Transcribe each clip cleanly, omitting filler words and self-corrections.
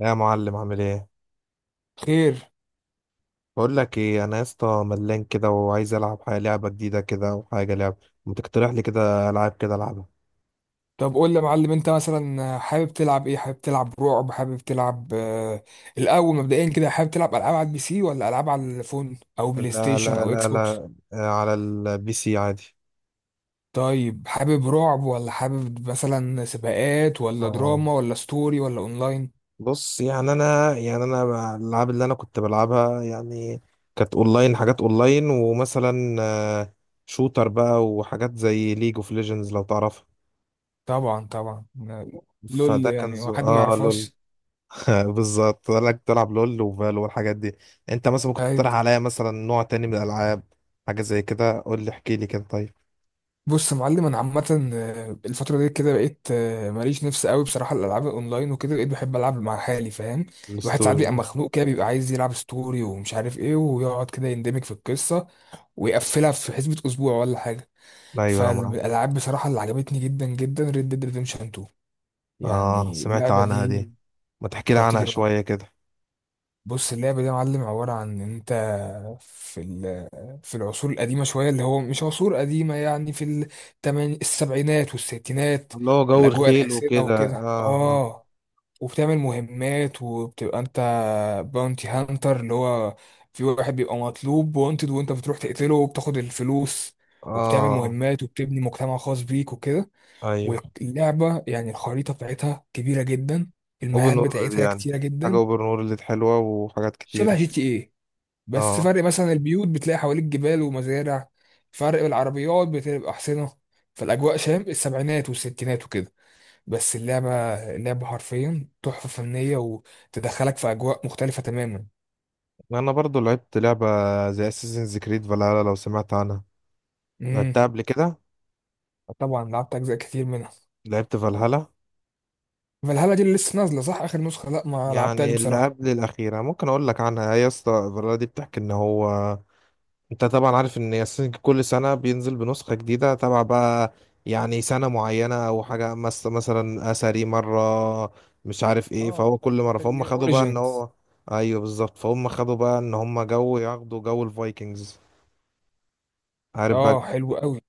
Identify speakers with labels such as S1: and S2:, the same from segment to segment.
S1: يا معلم، عامل ايه؟
S2: خير.
S1: بقول لك ايه، انا يا اسطى ملان كده وعايز العب حاجه، لعبه جديده كده وحاجه لعب. ما تقترح لي كده العاب كده العبها.
S2: طب قول لي يا معلم، انت مثلا حابب تلعب ايه؟ حابب تلعب رعب؟ حابب تلعب الاول مبدئيا كده حابب تلعب العاب على البي سي ولا العاب على الفون او بلاي
S1: لا
S2: ستيشن
S1: لا
S2: او اكس
S1: لا
S2: بوكس؟
S1: لا آه، على البي سي عادي.
S2: طيب، حابب رعب ولا حابب مثلا سباقات ولا
S1: اه،
S2: دراما ولا ستوري ولا اونلاين؟
S1: بص يعني انا الالعاب اللي انا كنت بلعبها يعني كانت اونلاين، حاجات اونلاين، ومثلا شوتر بقى وحاجات زي ليج اوف ليجندز لو تعرفها.
S2: طبعا طبعا. لول،
S1: فده كان
S2: يعني
S1: ز...
S2: هو حد ما
S1: اه لول.
S2: يعرفهاش؟
S1: بالظبط، قال لك تلعب لول وفالو والحاجات دي. انت مثلا ممكن
S2: طيب.
S1: تقترح عليا مثلا نوع تاني من الالعاب، حاجه زي كده؟ قول لي احكي لي كده. طيب
S2: بص يا معلم، انا عامه الفتره دي كده بقيت ماليش نفس قوي بصراحه الالعاب الاونلاين، وكده بقيت بحب العب مع حالي، فاهم؟ الواحد ساعات بيبقى
S1: الستوري.
S2: مخنوق كده، بيبقى عايز يلعب ستوري ومش عارف ايه، ويقعد كده يندمج في القصه ويقفلها في حسبه اسبوع ولا حاجه.
S1: ايوه انا معاك.
S2: فالالعاب بصراحه اللي عجبتني جدا جدا، ريد ديد ريديمشن 2.
S1: اه
S2: يعني
S1: سمعت
S2: اللعبه
S1: عنها
S2: دي
S1: دي، ما تحكي لي عنها
S2: خطيره.
S1: شويه كده.
S2: بص، اللعبة دي يا معلم عبارة عن إن أنت في ال- في العصور القديمة شوية، اللي هو مش عصور قديمة، يعني في التماني، السبعينات والستينات،
S1: اللي هو جو
S2: الأجواء
S1: الخيل
S2: الحسينة
S1: وكده،
S2: وكده
S1: اه.
S2: وبتعمل مهمات وبتبقى أنت باونتي هانتر، اللي هو في واحد بيبقى مطلوب وانتد، وأنت بتروح تقتله وبتاخد الفلوس،
S1: اه.
S2: وبتعمل
S1: اه
S2: مهمات وبتبني مجتمع خاص بيك وكده.
S1: ايوه.
S2: واللعبة يعني الخريطة بتاعتها كبيرة جدا،
S1: اوبن
S2: المهام
S1: وورلد
S2: بتاعتها
S1: يعني،
S2: كتيرة
S1: حاجه
S2: جدا.
S1: اوبن وورلد حلوه وحاجات
S2: شبه
S1: كتيره.
S2: جي تي ايه، بس
S1: اه،
S2: فرق مثلا البيوت بتلاقي حواليك جبال ومزارع، فرق العربيات بتبقى أحسنة، فالأجواء شام السبعينات والستينات وكده. بس اللعبة، اللعبة حرفيا تحفة فنية وتدخلك في أجواء مختلفة تماما.
S1: انا برضو لعبت لعبه زي اساسنز كريد فالهالا، لو سمعت عنها
S2: امم،
S1: لعبتها قبل كده.
S2: طبعا لعبت أجزاء كتير منها.
S1: لعبت فالهالا،
S2: فالهالا دي اللي لسه نازلة صح، آخر نسخة؟ لا، ما لعبتهاش
S1: يعني اللي
S2: بصراحة.
S1: قبل الأخيرة. ممكن أقول لك عنها، هي يا اسطى الفيلا دي بتحكي إن هو، أنت طبعا عارف إن ياسين كل سنة بينزل بنسخة جديدة تبع بقى يعني سنة معينة أو حاجة مثلا أثري مرة مش عارف إيه،
S2: اه،
S1: فهو كل مرة فهم خدوا بقى إن
S2: اوريجينز.
S1: هو، أيوه بالظبط، فهم خدوا بقى إن هم جو ياخدوا جو الفايكنجز، عارف بقى.
S2: اه حلو قوي.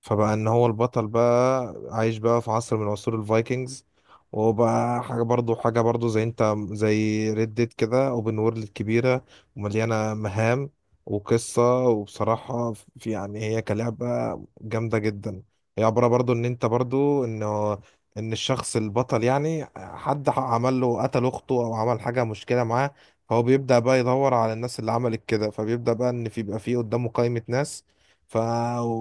S1: فبقى ان هو البطل بقى عايش بقى في عصر من عصور الفايكنجز، وبقى حاجة برضو زي انت زي ريد ديد كده، اوبن وورلد كبيرة ومليانة مهام وقصة. وبصراحة في يعني هي كلعبة جامدة جدا. هي عبارة برضو ان انت برضو انه، ان الشخص البطل يعني حد عمل له قتل اخته او عمل حاجة، مشكلة معاه، فهو بيبدأ بقى يدور على الناس اللي عملت كده. فبيبدأ بقى ان في، بيبقى في قدامه قائمة ناس، ف...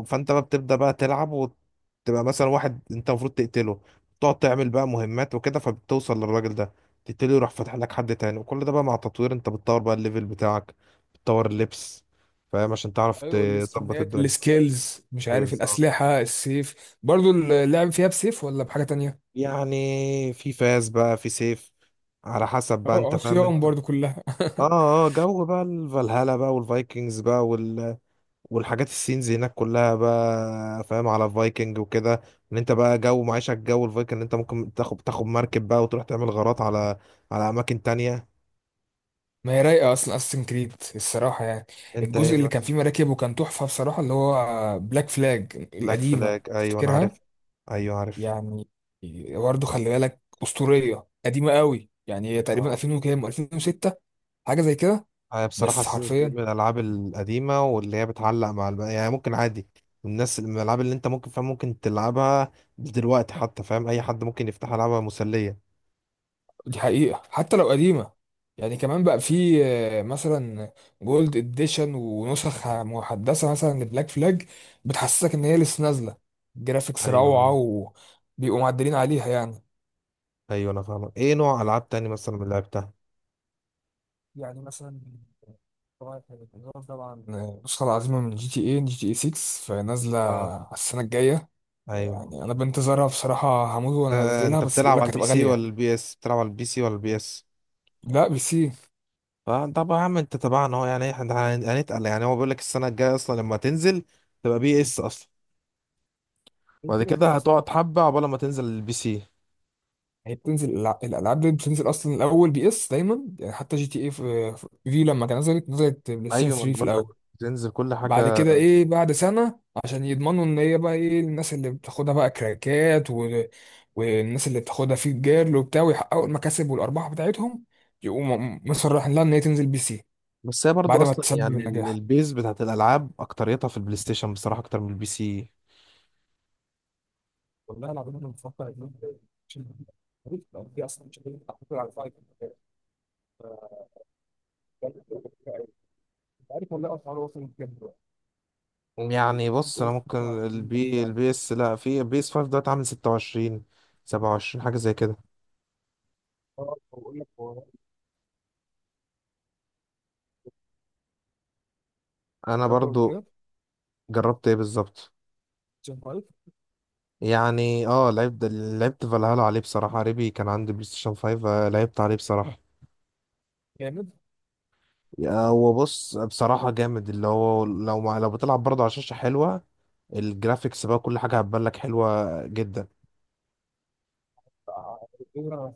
S1: فانت بقى بتبدأ بقى تلعب وتبقى مثلا واحد انت المفروض تقتله، تقعد تعمل بقى مهمات وكده، فبتوصل للراجل ده تقتله، يروح فاتح لك حد تاني. وكل ده بقى مع تطوير، انت بتطور بقى الليفل بتاعك، بتطور اللبس، فاهم، عشان تعرف
S2: ايوه
S1: تظبط
S2: السكنات،
S1: الدنيا.
S2: السكيلز، مش عارف،
S1: بالظبط،
S2: الأسلحة، السيف، برضو اللعب فيها بسيف ولا بحاجة تانية؟
S1: يعني في فاس بقى، في سيف، على حسب بقى
S2: اه،
S1: انت، فاهم
S2: عصيان
S1: انت.
S2: برضو كلها.
S1: اه اه. جو بقى الفالهالا بقى والفايكنجز بقى، والحاجات السينز هناك كلها بقى فاهم على فايكنج وكده، ان انت بقى جو معيشة الجو الفايكنج، ان انت ممكن تاخد مركب بقى وتروح تعمل غارات على على اماكن تانية.
S2: ما هي رايقه اصلا اساسن كريد الصراحه، يعني
S1: انت ايه
S2: الجزء اللي كان
S1: بس!
S2: فيه مراكب وكان تحفه بصراحه، اللي هو بلاك فلاج
S1: بلاك
S2: القديمه،
S1: فلاج، ايوه انا
S2: تفتكرها؟
S1: عارف. ايوه عارف.
S2: يعني برضو خلي بالك اسطوريه قديمه قوي، يعني هي تقريبا
S1: اه،
S2: 2000 وكام، 2006، حاجه زي كده.
S1: هي بصراحة
S2: بس
S1: سلسلة كانت
S2: حرفيا
S1: من الالعاب القديمة، واللي هي بتعلق مع يعني ممكن عادي الناس من الالعاب اللي انت ممكن، فاهم، ممكن تلعبها دلوقتي حتى، فاهم، اي حد ممكن يفتح العابها، مسلية.
S2: دي حقيقة حتى لو قديمة، يعني كمان بقى في مثلا جولد اديشن ونسخ محدثة مثلا لبلاك فلاج، بتحسسك ان هي لسه نازلة، جرافيكس روعة
S1: ايوه.
S2: وبيبقوا معدلين عليها يعني.
S1: ايوه انا فاهمك. ايه نوع العاب تاني مثلا من اللي لعبتها؟
S2: يعني مثلا، طبعا الإضافة، طبعا النسخة العظيمة من جي تي اي، جي تي اي 6، فنازلة
S1: اه،
S2: على السنة الجاية.
S1: ايوه.
S2: يعني انا بنتظرها بصراحة، هموت وانزلها،
S1: انت
S2: بس بيقول
S1: بتلعب على
S2: لك
S1: البي
S2: هتبقى
S1: سي
S2: غالية.
S1: ولا البي اس؟ بتلعب على البي سي ولا البي اس؟
S2: لا، بي سي.
S1: فطب يا عم انت تبعنا اهو، يعني احنا هنتقل، يعني هو بيقول لك السنه الجايه اصلا لما تنزل تبقى بي اس اصلا، بعد
S2: كده
S1: كده
S2: كده اصلا،
S1: هتقعد حبه عقبال ما تنزل البي سي.
S2: هي بتنزل الالعاب دي بتنزل اصلا الاول بي اس دايما، يعني حتى جي تي اي، في، في لما كان نزلت بلاي ستيشن
S1: ايوه، ما انا
S2: 3 في
S1: بقول لك
S2: الاول.
S1: تنزل كل حاجه.
S2: بعد كده ايه، بعد سنه، عشان يضمنوا ان هي بقى ايه، الناس اللي بتاخدها بقى كراكات والناس اللي بتاخدها في الجيرل وبتاع، ويحققوا المكاسب والارباح بتاعتهم، يقوموا مصرحين لها ان هي تنزل بي سي
S1: بس هي برضو
S2: بعد ما
S1: اصلا
S2: تسبب
S1: يعني
S2: النجاح.
S1: البيز بتاعت الالعاب اكتريتها في البلاي ستيشن بصراحه اكتر من البي سي. يعني بص انا ممكن، البي اس، لا، في البي اس 5 دلوقتي عامل 26 27، حاجه زي كده. انا برضو جربت ايه بالظبط، يعني اه، لعبت فالهالا عليه بصراحة، ريبي كان عندي بلاي ستيشن 5 لعبت عليه بصراحة. هو بص بصراحة جامد اللي هو، لو ما لو بتلعب برضه على شاشة حلوة، الجرافيكس بقى كل حاجة هتبان لك حلوة جدا.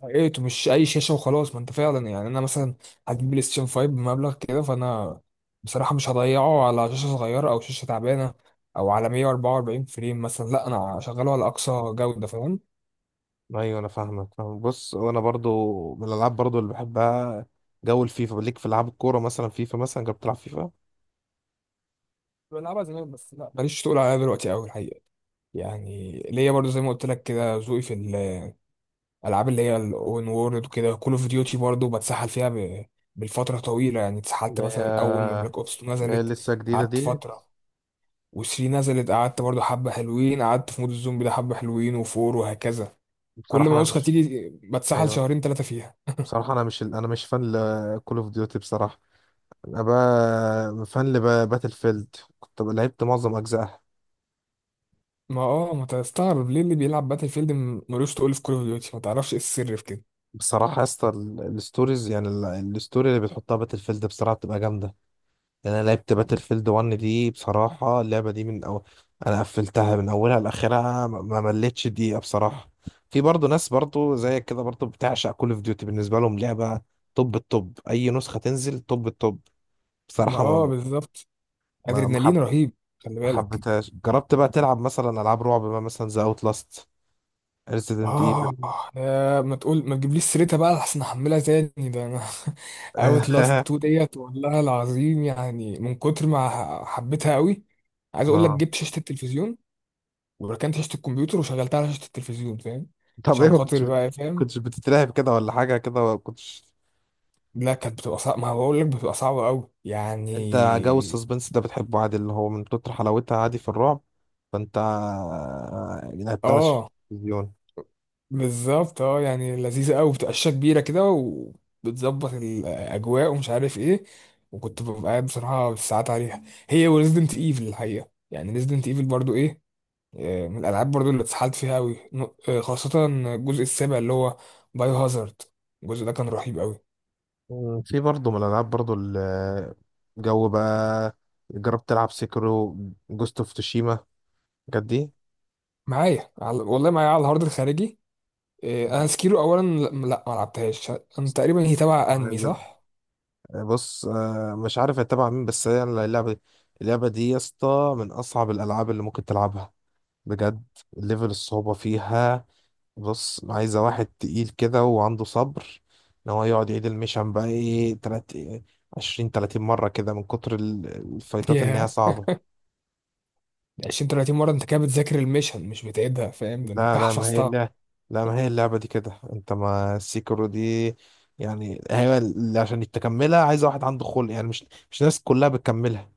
S2: ايه مش اي شاشه وخلاص؟ ما انت فعلا، يعني انا مثلا هجيب بلاي ستيشن 5 بمبلغ كده، فانا بصراحه مش هضيعه على شاشه صغيره او شاشه تعبانه، او على 144 فريم مثلا، لا انا هشغله على اقصى جوده، فاهم؟
S1: ايوه انا فاهمك، فاهم. بص وانا برضه من الالعاب برضه اللي بحبها جو الفيفا، ليك في العاب الكورة مثلا. فيفا مثلا، جربت تلعب فيفا؟
S2: بلعبها زمان بس، لا ماليش تقول عليها دلوقتي قوي الحقيقه. يعني ليا برضو زي ما قلت لك كده، ذوقي في الالعاب اللي هي الاون وورلد وكده. كول اوف ديوتي برضو بتسحل فيها بالفتره طويله، يعني
S1: اللي
S2: اتسحلت
S1: هي،
S2: مثلا اول ما بلاك اوبس
S1: اللي هي
S2: نزلت
S1: لسه جديدة
S2: قعدت
S1: دي.
S2: فتره، وثري نزلت قعدت برضو حبة حلوين، قعدت في مود الزومبي ده حبة حلوين، وفور وهكذا. كل
S1: بصراحة
S2: ما
S1: انا
S2: نسخة
S1: مش،
S2: تيجي بتسحل
S1: ايوه
S2: شهرين ثلاثة فيها.
S1: بصراحة انا مش، انا مش فان لكول اوف ديوتي بصراحة. انا بقى فان لباتل فيلد، كنت بقى لعبت معظم اجزائها.
S2: ما ما تستغرب ليه اللي بيلعب باتل فيلد ملوش تقول في كول اوف ديوتي، ما تعرفش ايه السر في كده؟
S1: بصراحه يا اسطى الستوريز يعني الستوري اللي بتحطها باتل فيلد بصراحه بتبقى جامده. يعني انا لعبت باتل فيلد 1 دي بصراحه، اللعبه دي من انا قفلتها من اولها لاخرها، ما مليتش دقيقه بصراحه. في برضه ناس برضه زيك كده برضه بتعشق كول اوف ديوتي، بالنسبه لهم لعبه توب التوب، اي نسخه تنزل توب التوب.
S2: ما
S1: بصراحه
S2: بالظبط.
S1: ما ما حب...
S2: ادرينالين رهيب، خلي
S1: ما
S2: بالك.
S1: حبيتهاش. جربت بقى تلعب مثلا العاب رعب بقى مثلا زي اوت لاست، ريزيدنت؟
S2: اه يا ما تقول، ما تجيبليش سيرتها بقى، احسن احملها تاني، ده انا اوت لاست 2 ديت والله العظيم، يعني من كتر ما حبيتها قوي. عايز اقول لك،
S1: اه.
S2: جبت شاشة التلفزيون وركنت شاشة الكمبيوتر وشغلتها على شاشة التلفزيون، فاهم؟
S1: طب ايه،
S2: عشان
S1: ما
S2: خاطر بقى، فاهم؟
S1: كنتش بتترعب كده ولا حاجة، كده ولا كنتش؟
S2: لا كانت بتبقى صعبة، ما بقول لك بتبقى صعبة قوي
S1: يعني انت جو
S2: يعني.
S1: السسبنس ده بتحبه عادي، اللي هو من كتر حلاوتها عادي في الرعب. فانت لعبت على
S2: اه
S1: التلفزيون.
S2: بالظبط. اه يعني لذيذة قوي، بتبقى شاشة كبيرة كده وبتظبط الأجواء ومش عارف ايه، وكنت ببقى قاعد بصراحة بالساعات عليها. هي وريزدنت ايفل الحقيقة، يعني ريزدنت ايفل برضو ايه، من الألعاب برضو اللي اتسحلت فيها قوي، خاصة الجزء السابع اللي هو بايو هازارد. الجزء ده كان رهيب قوي.
S1: مم، في برضه من الألعاب برضه جو بقى، جربت تلعب سيكرو، جوست اوف توشيما، الحاجات دي؟
S2: معايا والله معايا على الهارد الخارجي. انا سكيرو اولا، لا لا، ما لعبتهاش. انا تقريبا هي تبع انمي، صح؟
S1: بص مش عارف اتبع مين، بس هي اللعبة دي، اللعبة دي يا اسطى من أصعب الألعاب اللي ممكن تلعبها بجد. ليفل الصعوبة فيها، بص عايزة واحد تقيل كده وعنده صبر ان هو يقعد يعيد المشن بقى ايه، تلات عشرين تلاتين مرة كده، من كتر الفايتات ان
S2: ياه،
S1: هي صعبة.
S2: 20 30 مره، انت كده بتذاكر المشن مش بتعيدها، فاهم؟ ده انت
S1: لا
S2: كده
S1: لا ما هي
S2: حفظتها.
S1: لا ما هي اللعبة دي كده انت، ما السيكرو دي يعني هي اللي عشان تكملها عايزة واحد عنده خلق، يعني مش، مش الناس كلها بتكملها.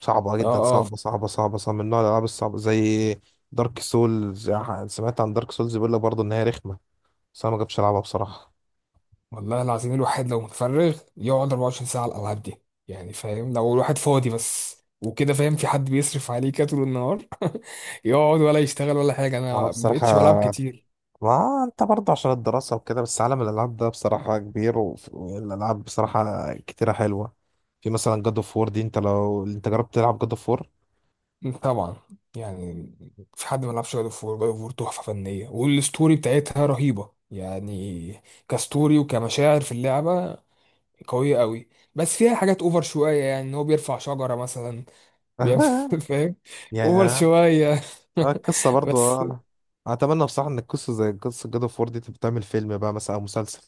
S1: صعبة
S2: اه
S1: جدا،
S2: اه.
S1: صعبة، من نوع الألعاب الصعبة زي دارك سولز. سمعت عن دارك سولز، بيقول لك برضه إن هي رخمة، بس أنا ما جبتش ألعبها بصراحة.
S2: والله العظيم الواحد لو متفرغ يقعد 24 ساعه على الالعاب دي، يعني فاهم لو الواحد فاضي بس وكده، فاهم، في حد بيصرف عليه كده طول النهار. يقعد ولا يشتغل ولا حاجه،
S1: ما
S2: انا
S1: هو
S2: ما بقتش بلعب
S1: بصراحة،
S2: كتير.
S1: ما انت برضه عشان الدراسة وكده، بس عالم الألعاب ده بصراحة كبير، والألعاب بصراحة كتيرة حلوة. في مثلا جاد اوف وور دي، انت لو جربت تلعب جاد اوف وور؟
S2: طبعا، يعني في حد ما لعبش جاد اوف وور؟ جاد اوف وور تحفه فنيه، والستوري بتاعتها رهيبه يعني، كستوري وكمشاعر في اللعبه قويه قوي. بس فيها حاجات اوفر شويه، يعني ان هو بيرفع شجره مثلا، بيعمل فاهم؟ اوفر
S1: يا،
S2: شويه.
S1: القصة برضه،
S2: بس
S1: آه. أتمنى بصراحة إن القصة زي قصة جاد اوف وور دي تبقى تعمل فيلم بقى مثلا أو مسلسل،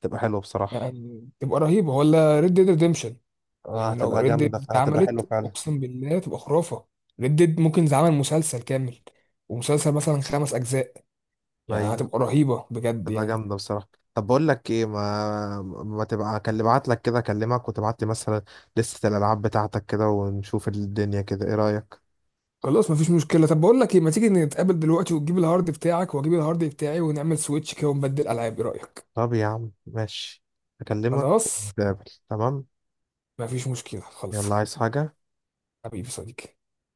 S1: تبقى حلوة بصراحة.
S2: يعني تبقى رهيبه ولا ريد ديد ريديمشن؟ يعني لو
S1: هتبقى
S2: ريد
S1: جامدة،
S2: ديد
S1: هتبقى حلوة
S2: اتعملت
S1: فعلا.
S2: اقسم بالله تبقى خرافه. ريد ديد ممكن يتعمل مسلسل كامل، ومسلسل مثلا خمس اجزاء، يعني
S1: أيوه،
S2: هتبقى رهيبه بجد
S1: تبقى
S2: يعني.
S1: جامدة بصراحة. طب بقول لك ايه، ما تبقى اكلم، ابعت لك كده، اكلمك وتبعت لي مثلا لستة الالعاب بتاعتك كده، ونشوف الدنيا كده، ايه رأيك؟
S2: خلاص مفيش مشكله. طب بقول لك ايه، ما تيجي نتقابل دلوقتي وتجيب الهارد بتاعك واجيب الهارد بتاعي ونعمل سويتش كده ونبدل العاب، ايه رايك؟
S1: طب يا عم ماشي، اكلمك
S2: خلاص،
S1: ونتقابل. تمام.
S2: مفيش مشكله، خلص.
S1: يلا، عايز حاجة؟
S2: حبيبي صديقي.